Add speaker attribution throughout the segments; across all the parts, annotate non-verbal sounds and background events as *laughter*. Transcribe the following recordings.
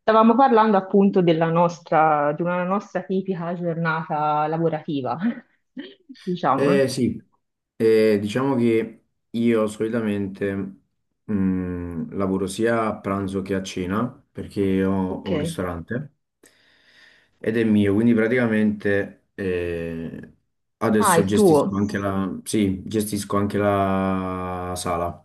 Speaker 1: Stavamo parlando appunto della nostra, di una nostra tipica giornata lavorativa, *laughs* diciamo.
Speaker 2: Eh, sì, diciamo che io solitamente lavoro sia a pranzo che a cena perché
Speaker 1: Ok.
Speaker 2: ho un ristorante ed è mio, quindi praticamente
Speaker 1: Ah,
Speaker 2: adesso
Speaker 1: il tuo.
Speaker 2: gestisco anche sì, gestisco anche la sala.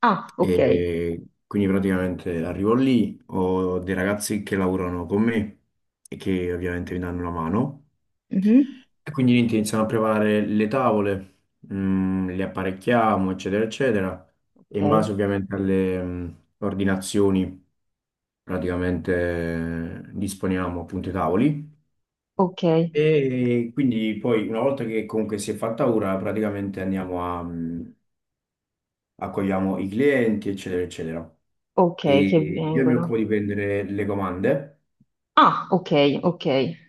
Speaker 1: Ah, ok.
Speaker 2: E quindi praticamente arrivo lì, ho dei ragazzi che lavorano con me e che ovviamente mi danno una mano.
Speaker 1: Mhm.
Speaker 2: E quindi niente, iniziano a preparare le tavole, le apparecchiamo, eccetera, eccetera. E in
Speaker 1: Ok,
Speaker 2: base ovviamente alle ordinazioni, praticamente disponiamo appunto i tavoli.
Speaker 1: ok,
Speaker 2: E quindi poi una volta che comunque si è fatta ora, praticamente accogliamo i clienti, eccetera, eccetera. E
Speaker 1: ok, che
Speaker 2: io mi
Speaker 1: vengono.
Speaker 2: occupo di prendere le comande,
Speaker 1: Ah, ok, ok.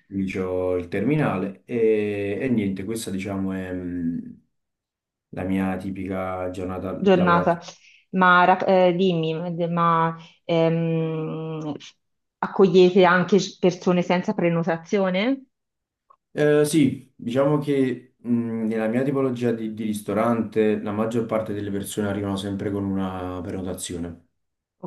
Speaker 2: quindi c'ho il terminale e niente, questa diciamo è la mia tipica giornata
Speaker 1: Giornata.
Speaker 2: lavorativa.
Speaker 1: Dimmi, ma ehm, accogliete anche persone senza prenotazione?
Speaker 2: Sì, diciamo che nella mia tipologia di ristorante la maggior parte delle persone arrivano sempre con una prenotazione.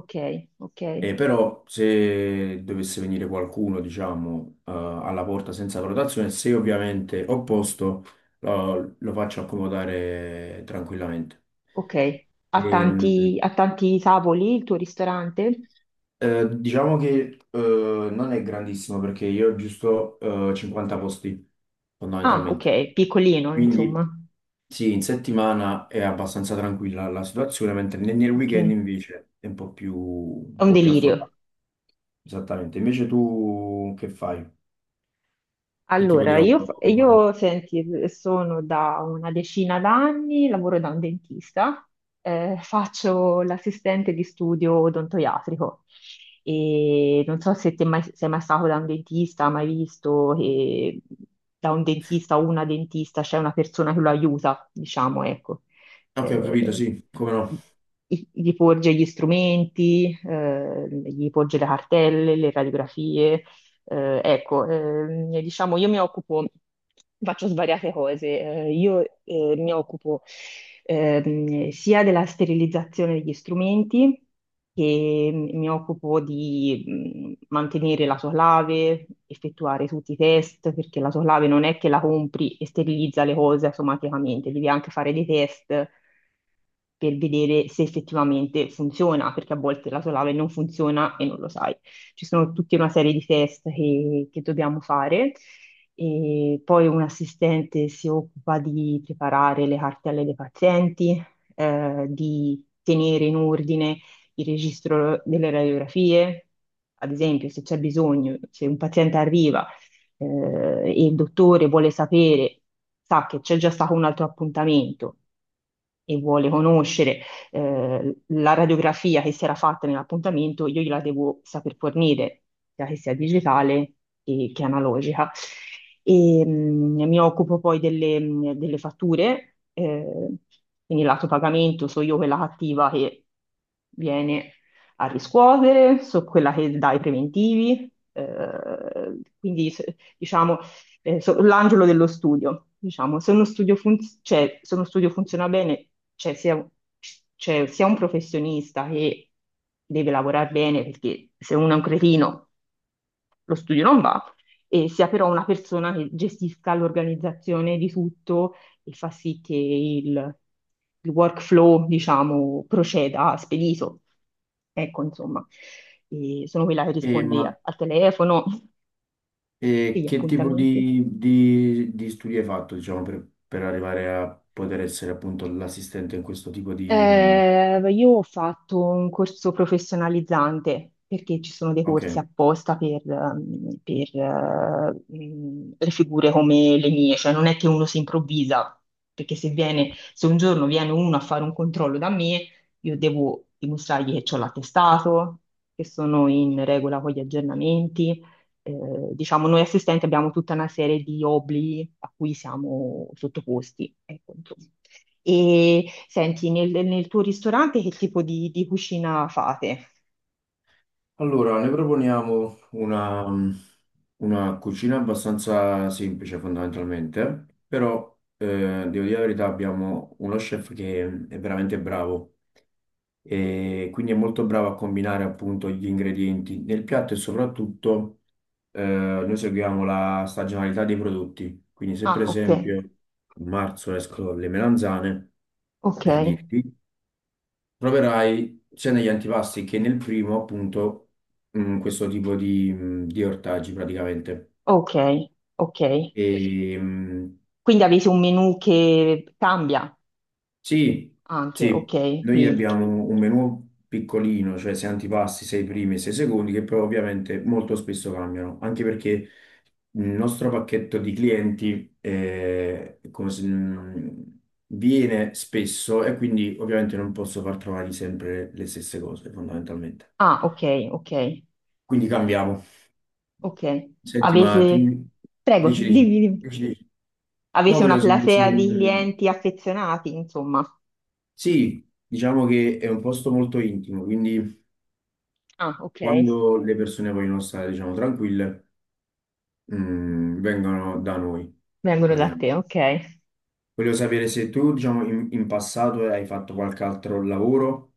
Speaker 1: Ok, ok.
Speaker 2: E però se dovesse venire qualcuno, diciamo, alla porta senza prenotazione, se ovviamente ho posto, lo faccio accomodare tranquillamente.
Speaker 1: Ok,
Speaker 2: Ehm,
Speaker 1: ha tanti tavoli il tuo ristorante?
Speaker 2: diciamo che non è grandissimo perché io ho giusto 50 posti
Speaker 1: Ah,
Speaker 2: fondamentalmente.
Speaker 1: ok, piccolino,
Speaker 2: Quindi
Speaker 1: insomma.
Speaker 2: sì, in settimana è abbastanza tranquilla la situazione, mentre nel
Speaker 1: Ok,
Speaker 2: weekend
Speaker 1: è
Speaker 2: invece è un
Speaker 1: un
Speaker 2: po' più affollata.
Speaker 1: delirio.
Speaker 2: Esattamente. Invece tu che fai? Che tipo di
Speaker 1: Allora, io,
Speaker 2: lavoro
Speaker 1: fa-
Speaker 2: fai?
Speaker 1: io, senti, sono da una decina d'anni, lavoro da un dentista, faccio l'assistente di studio odontoiatrico e non so se te mai, sei mai stato da un dentista, mai visto che da un dentista o una dentista c'è una persona che lo aiuta, diciamo, ecco,
Speaker 2: Ok, ho
Speaker 1: eh,
Speaker 2: capito, sì, come no.
Speaker 1: gli porge gli strumenti, gli porge le cartelle, le radiografie ecco, diciamo, io mi occupo, faccio svariate cose. Io mi occupo sia della sterilizzazione degli strumenti, che mi occupo di mantenere la soclave, effettuare tutti i test, perché la soclave non è che la compri e sterilizza le cose automaticamente, devi anche fare dei test per vedere se effettivamente funziona, perché a volte la soclave non funziona e non lo sai, ci sono tutta una serie di test che dobbiamo fare. E poi un assistente si occupa di preparare le cartelle dei pazienti, di tenere in ordine il registro delle radiografie. Ad esempio, se c'è bisogno, se un paziente arriva, eh, e il dottore vuole sapere, sa che c'è già stato un altro appuntamento e vuole conoscere la radiografia che si era fatta nell'appuntamento, io gliela devo saper fornire, sia che sia digitale che analogica. E, mi occupo poi delle, delle fatture, quindi lato pagamento, so io quella cattiva che viene a riscuotere, so quella che dà i preventivi, diciamo l'angelo dello studio, diciamo. Se uno studio, cioè, se uno studio funziona bene, c'è sia, c'è sia un professionista che deve lavorare bene, perché se uno è un cretino, lo studio non va, e sia però una persona che gestisca l'organizzazione di tutto e fa sì il workflow, diciamo, proceda spedito. Ecco, insomma. E sono quella che
Speaker 2: Eh,
Speaker 1: risponde
Speaker 2: ma
Speaker 1: al telefono, *laughs*
Speaker 2: E
Speaker 1: degli
Speaker 2: che tipo
Speaker 1: appuntamenti.
Speaker 2: di studi hai fatto, diciamo, per arrivare a poter essere appunto l'assistente in questo tipo di...
Speaker 1: Io ho fatto un corso professionalizzante perché ci sono dei
Speaker 2: Ok,
Speaker 1: corsi apposta per, le figure come le mie, cioè non è che uno si improvvisa, perché se un giorno viene uno a fare un controllo da me, io devo dimostrargli che ho l'attestato, che sono in regola con gli aggiornamenti. Diciamo, noi assistenti abbiamo tutta una serie di obblighi a cui siamo sottoposti. Ecco, insomma. E senti, nel tuo ristorante che tipo di cucina fate?
Speaker 2: allora ne proponiamo una cucina abbastanza semplice fondamentalmente, però devo dire la verità, abbiamo uno chef che è veramente bravo e quindi è molto bravo a combinare appunto gli ingredienti nel piatto, e soprattutto noi seguiamo la stagionalità dei prodotti. Quindi se per
Speaker 1: Ah, ok,
Speaker 2: esempio a marzo escono le melanzane,
Speaker 1: ok,
Speaker 2: per dirti, troverai sia negli antipasti che nel primo appunto questo tipo di ortaggi praticamente.
Speaker 1: ok, ok.
Speaker 2: E, mh,
Speaker 1: Quindi avete un menù che cambia
Speaker 2: Sì,
Speaker 1: anche,
Speaker 2: sì,
Speaker 1: ok.
Speaker 2: noi
Speaker 1: Quindi,
Speaker 2: abbiamo un menù piccolino, cioè sei antipasti, sei primi e sei secondi, che però ovviamente molto spesso cambiano, anche perché il nostro pacchetto di clienti come se- viene spesso e quindi ovviamente non posso far trovare sempre le stesse cose, fondamentalmente.
Speaker 1: ah, ok, ok,
Speaker 2: Quindi cambiamo.
Speaker 1: ok.
Speaker 2: Senti, ma tu
Speaker 1: Avete, prego,
Speaker 2: dici, dici,
Speaker 1: dimmi, dimmi.
Speaker 2: dici, dici. No,
Speaker 1: Avete una
Speaker 2: volevo sapere se...
Speaker 1: platea di
Speaker 2: mm,
Speaker 1: clienti affezionati, insomma.
Speaker 2: Sì, diciamo che è un posto molto intimo, quindi...
Speaker 1: Ah, ok.
Speaker 2: Quando le persone vogliono stare, diciamo, tranquille, vengono da noi,
Speaker 1: Vengono da
Speaker 2: praticamente.
Speaker 1: te, ok.
Speaker 2: Voglio sapere se tu, diciamo, in passato hai fatto qualche altro lavoro,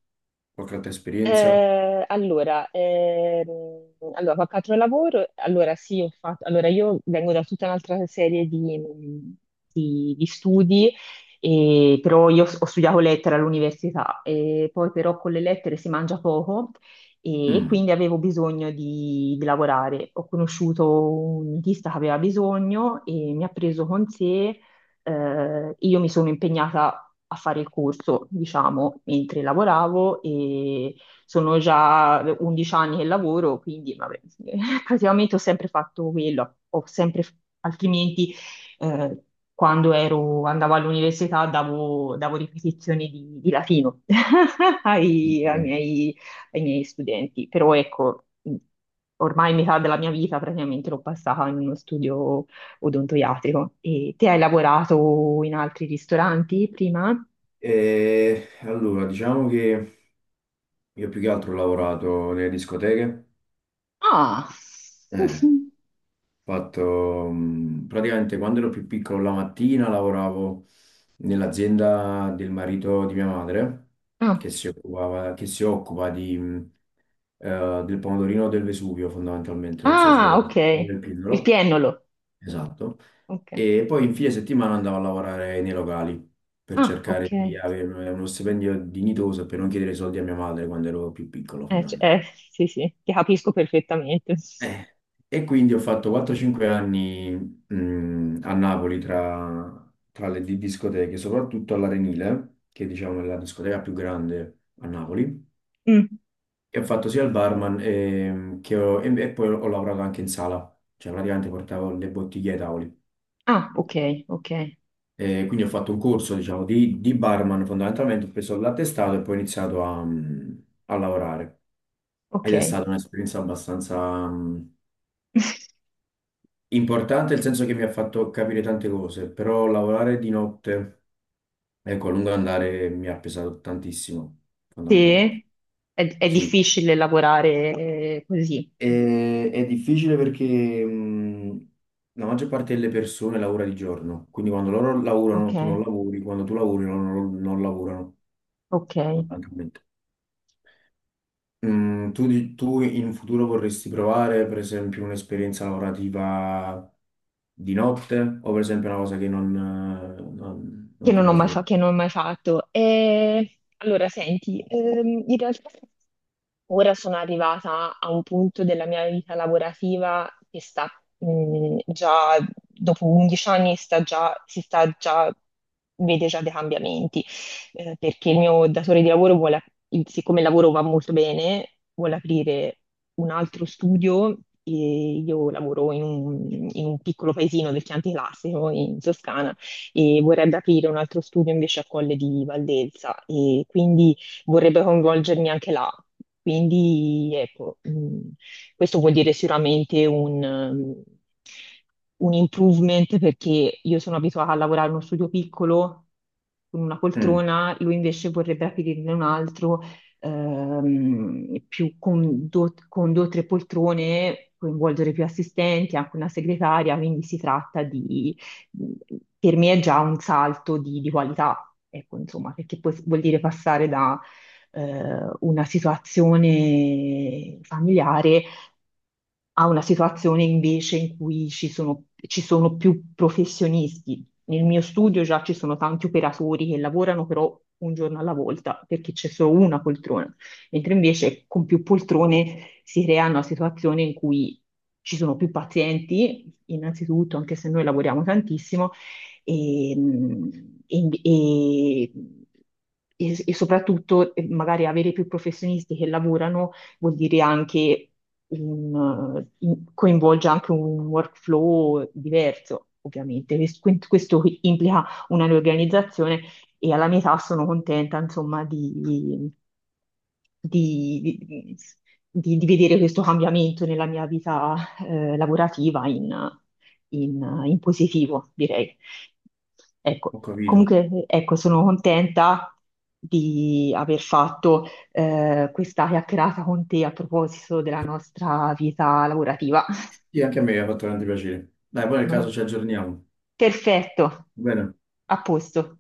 Speaker 2: qualche altra esperienza.
Speaker 1: Eh, allora, ehm, allora, qualche altro lavoro? Allora, sì, ho fatto, allora io vengo da tutta un'altra serie di studi, però io ho studiato lettere all'università, e poi però con le lettere si mangia poco e
Speaker 2: Mm,
Speaker 1: quindi avevo bisogno di lavorare. Ho conosciuto un dentista che aveva bisogno e mi ha preso con sé, io mi sono impegnata a fare il corso, diciamo, mentre lavoravo, sono già 11 anni che lavoro, quindi vabbè, *laughs* praticamente ho sempre fatto quello, ho sempre, altrimenti eh, andavo all'università, davo ripetizioni di latino *laughs* ai, ai
Speaker 2: ok.
Speaker 1: miei, ai miei studenti, però ecco, ormai metà della mia vita praticamente l'ho passata in uno studio odontoiatrico. E te hai lavorato in altri ristoranti prima?
Speaker 2: E allora, diciamo che io più che altro ho lavorato nelle discoteche.
Speaker 1: Ah,
Speaker 2: Eh. Fatto, praticamente quando ero più piccolo la mattina lavoravo nell'azienda del marito di mia madre
Speaker 1: *laughs*
Speaker 2: che si occupa di del pomodorino del Vesuvio fondamentalmente, non so se
Speaker 1: Ah,
Speaker 2: lo
Speaker 1: ok.
Speaker 2: conosci, del
Speaker 1: Il
Speaker 2: Pindolo,
Speaker 1: piennolo.
Speaker 2: esatto.
Speaker 1: Ok.
Speaker 2: E poi in fine settimana andavo a lavorare nei locali per
Speaker 1: Ah,
Speaker 2: cercare
Speaker 1: ok.
Speaker 2: di avere uno stipendio dignitoso e per non chiedere soldi a mia madre quando ero più piccolo
Speaker 1: C-
Speaker 2: fondamentalmente.
Speaker 1: eh, sì, sì, ti capisco perfettamente.
Speaker 2: Eh, E quindi ho fatto 4-5 anni a Napoli tra le discoteche, soprattutto all'Arenile, che diciamo è la discoteca più grande a Napoli.
Speaker 1: Mm.
Speaker 2: E ho fatto sia il barman e poi ho lavorato anche in sala, cioè praticamente portavo le bottiglie ai tavoli.
Speaker 1: Ah, ok, ok,
Speaker 2: E quindi ho fatto un corso, diciamo, di barman fondamentalmente, ho preso l'attestato e poi ho iniziato a lavorare.
Speaker 1: ok.
Speaker 2: Ed è stata un'esperienza abbastanza
Speaker 1: *laughs*
Speaker 2: importante, nel senso che mi ha fatto capire tante cose, però lavorare di notte, ecco, a lungo andare mi ha pesato tantissimo, fondamentalmente.
Speaker 1: Sì, è
Speaker 2: Sì.
Speaker 1: difficile lavorare così.
Speaker 2: E- è difficile perché la maggior parte delle persone lavora di giorno, quindi quando loro
Speaker 1: Ok,
Speaker 2: lavorano tu non lavori, quando tu lavori loro non lavorano,
Speaker 1: ok.
Speaker 2: fondamentalmente. Mm, tu in futuro vorresti provare, per esempio, un'esperienza lavorativa di notte, o per esempio una cosa che non ti piace proprio?
Speaker 1: Che non ho mai fatto. E, allora, senti, in realtà ora sono arrivata a un punto della mia vita lavorativa che sta, mh, già, dopo 11 anni, si sta già, vede già dei cambiamenti, perché il mio datore di lavoro vuole, siccome il lavoro va molto bene, vuole aprire un altro studio. E io lavoro in un piccolo paesino del Chianti Classico in Toscana, e vorrebbe aprire un altro studio invece a Colle di Valdelsa e quindi vorrebbe coinvolgermi anche là. Quindi ecco, questo vuol dire sicuramente un improvement, perché io sono abituata a lavorare in uno studio piccolo con una
Speaker 2: Mm.
Speaker 1: poltrona, lui invece vorrebbe aprirne un altro più con due o tre poltrone, coinvolgere più assistenti, anche una segretaria, quindi si tratta di, per me è già un salto di qualità, ecco, insomma, perché poi vuol dire passare da una situazione familiare a una situazione invece in cui ci sono più professionisti. Nel mio studio già ci sono tanti operatori che lavorano però un giorno alla volta perché c'è solo una poltrona, mentre invece con più poltrone si creano situazioni in cui ci sono più pazienti, innanzitutto, anche se noi lavoriamo tantissimo, e, e- e- e soprattutto magari avere più professionisti che lavorano vuol dire anche coinvolge anche un workflow diverso. Ovviamente, questo implica una riorganizzazione, e alla mia età sono contenta, insomma, di- di vedere questo cambiamento nella mia vita lavorativa in positivo, direi. Ecco,
Speaker 2: Ho capito.
Speaker 1: comunque, ecco, sono contenta di aver fatto questa chiacchierata con te a proposito della nostra vita lavorativa.
Speaker 2: Sì, anche a me ha fatto grande piacere. Dai, poi nel caso ci
Speaker 1: *laughs*
Speaker 2: aggiorniamo.
Speaker 1: Perfetto,
Speaker 2: Va bene?
Speaker 1: a posto.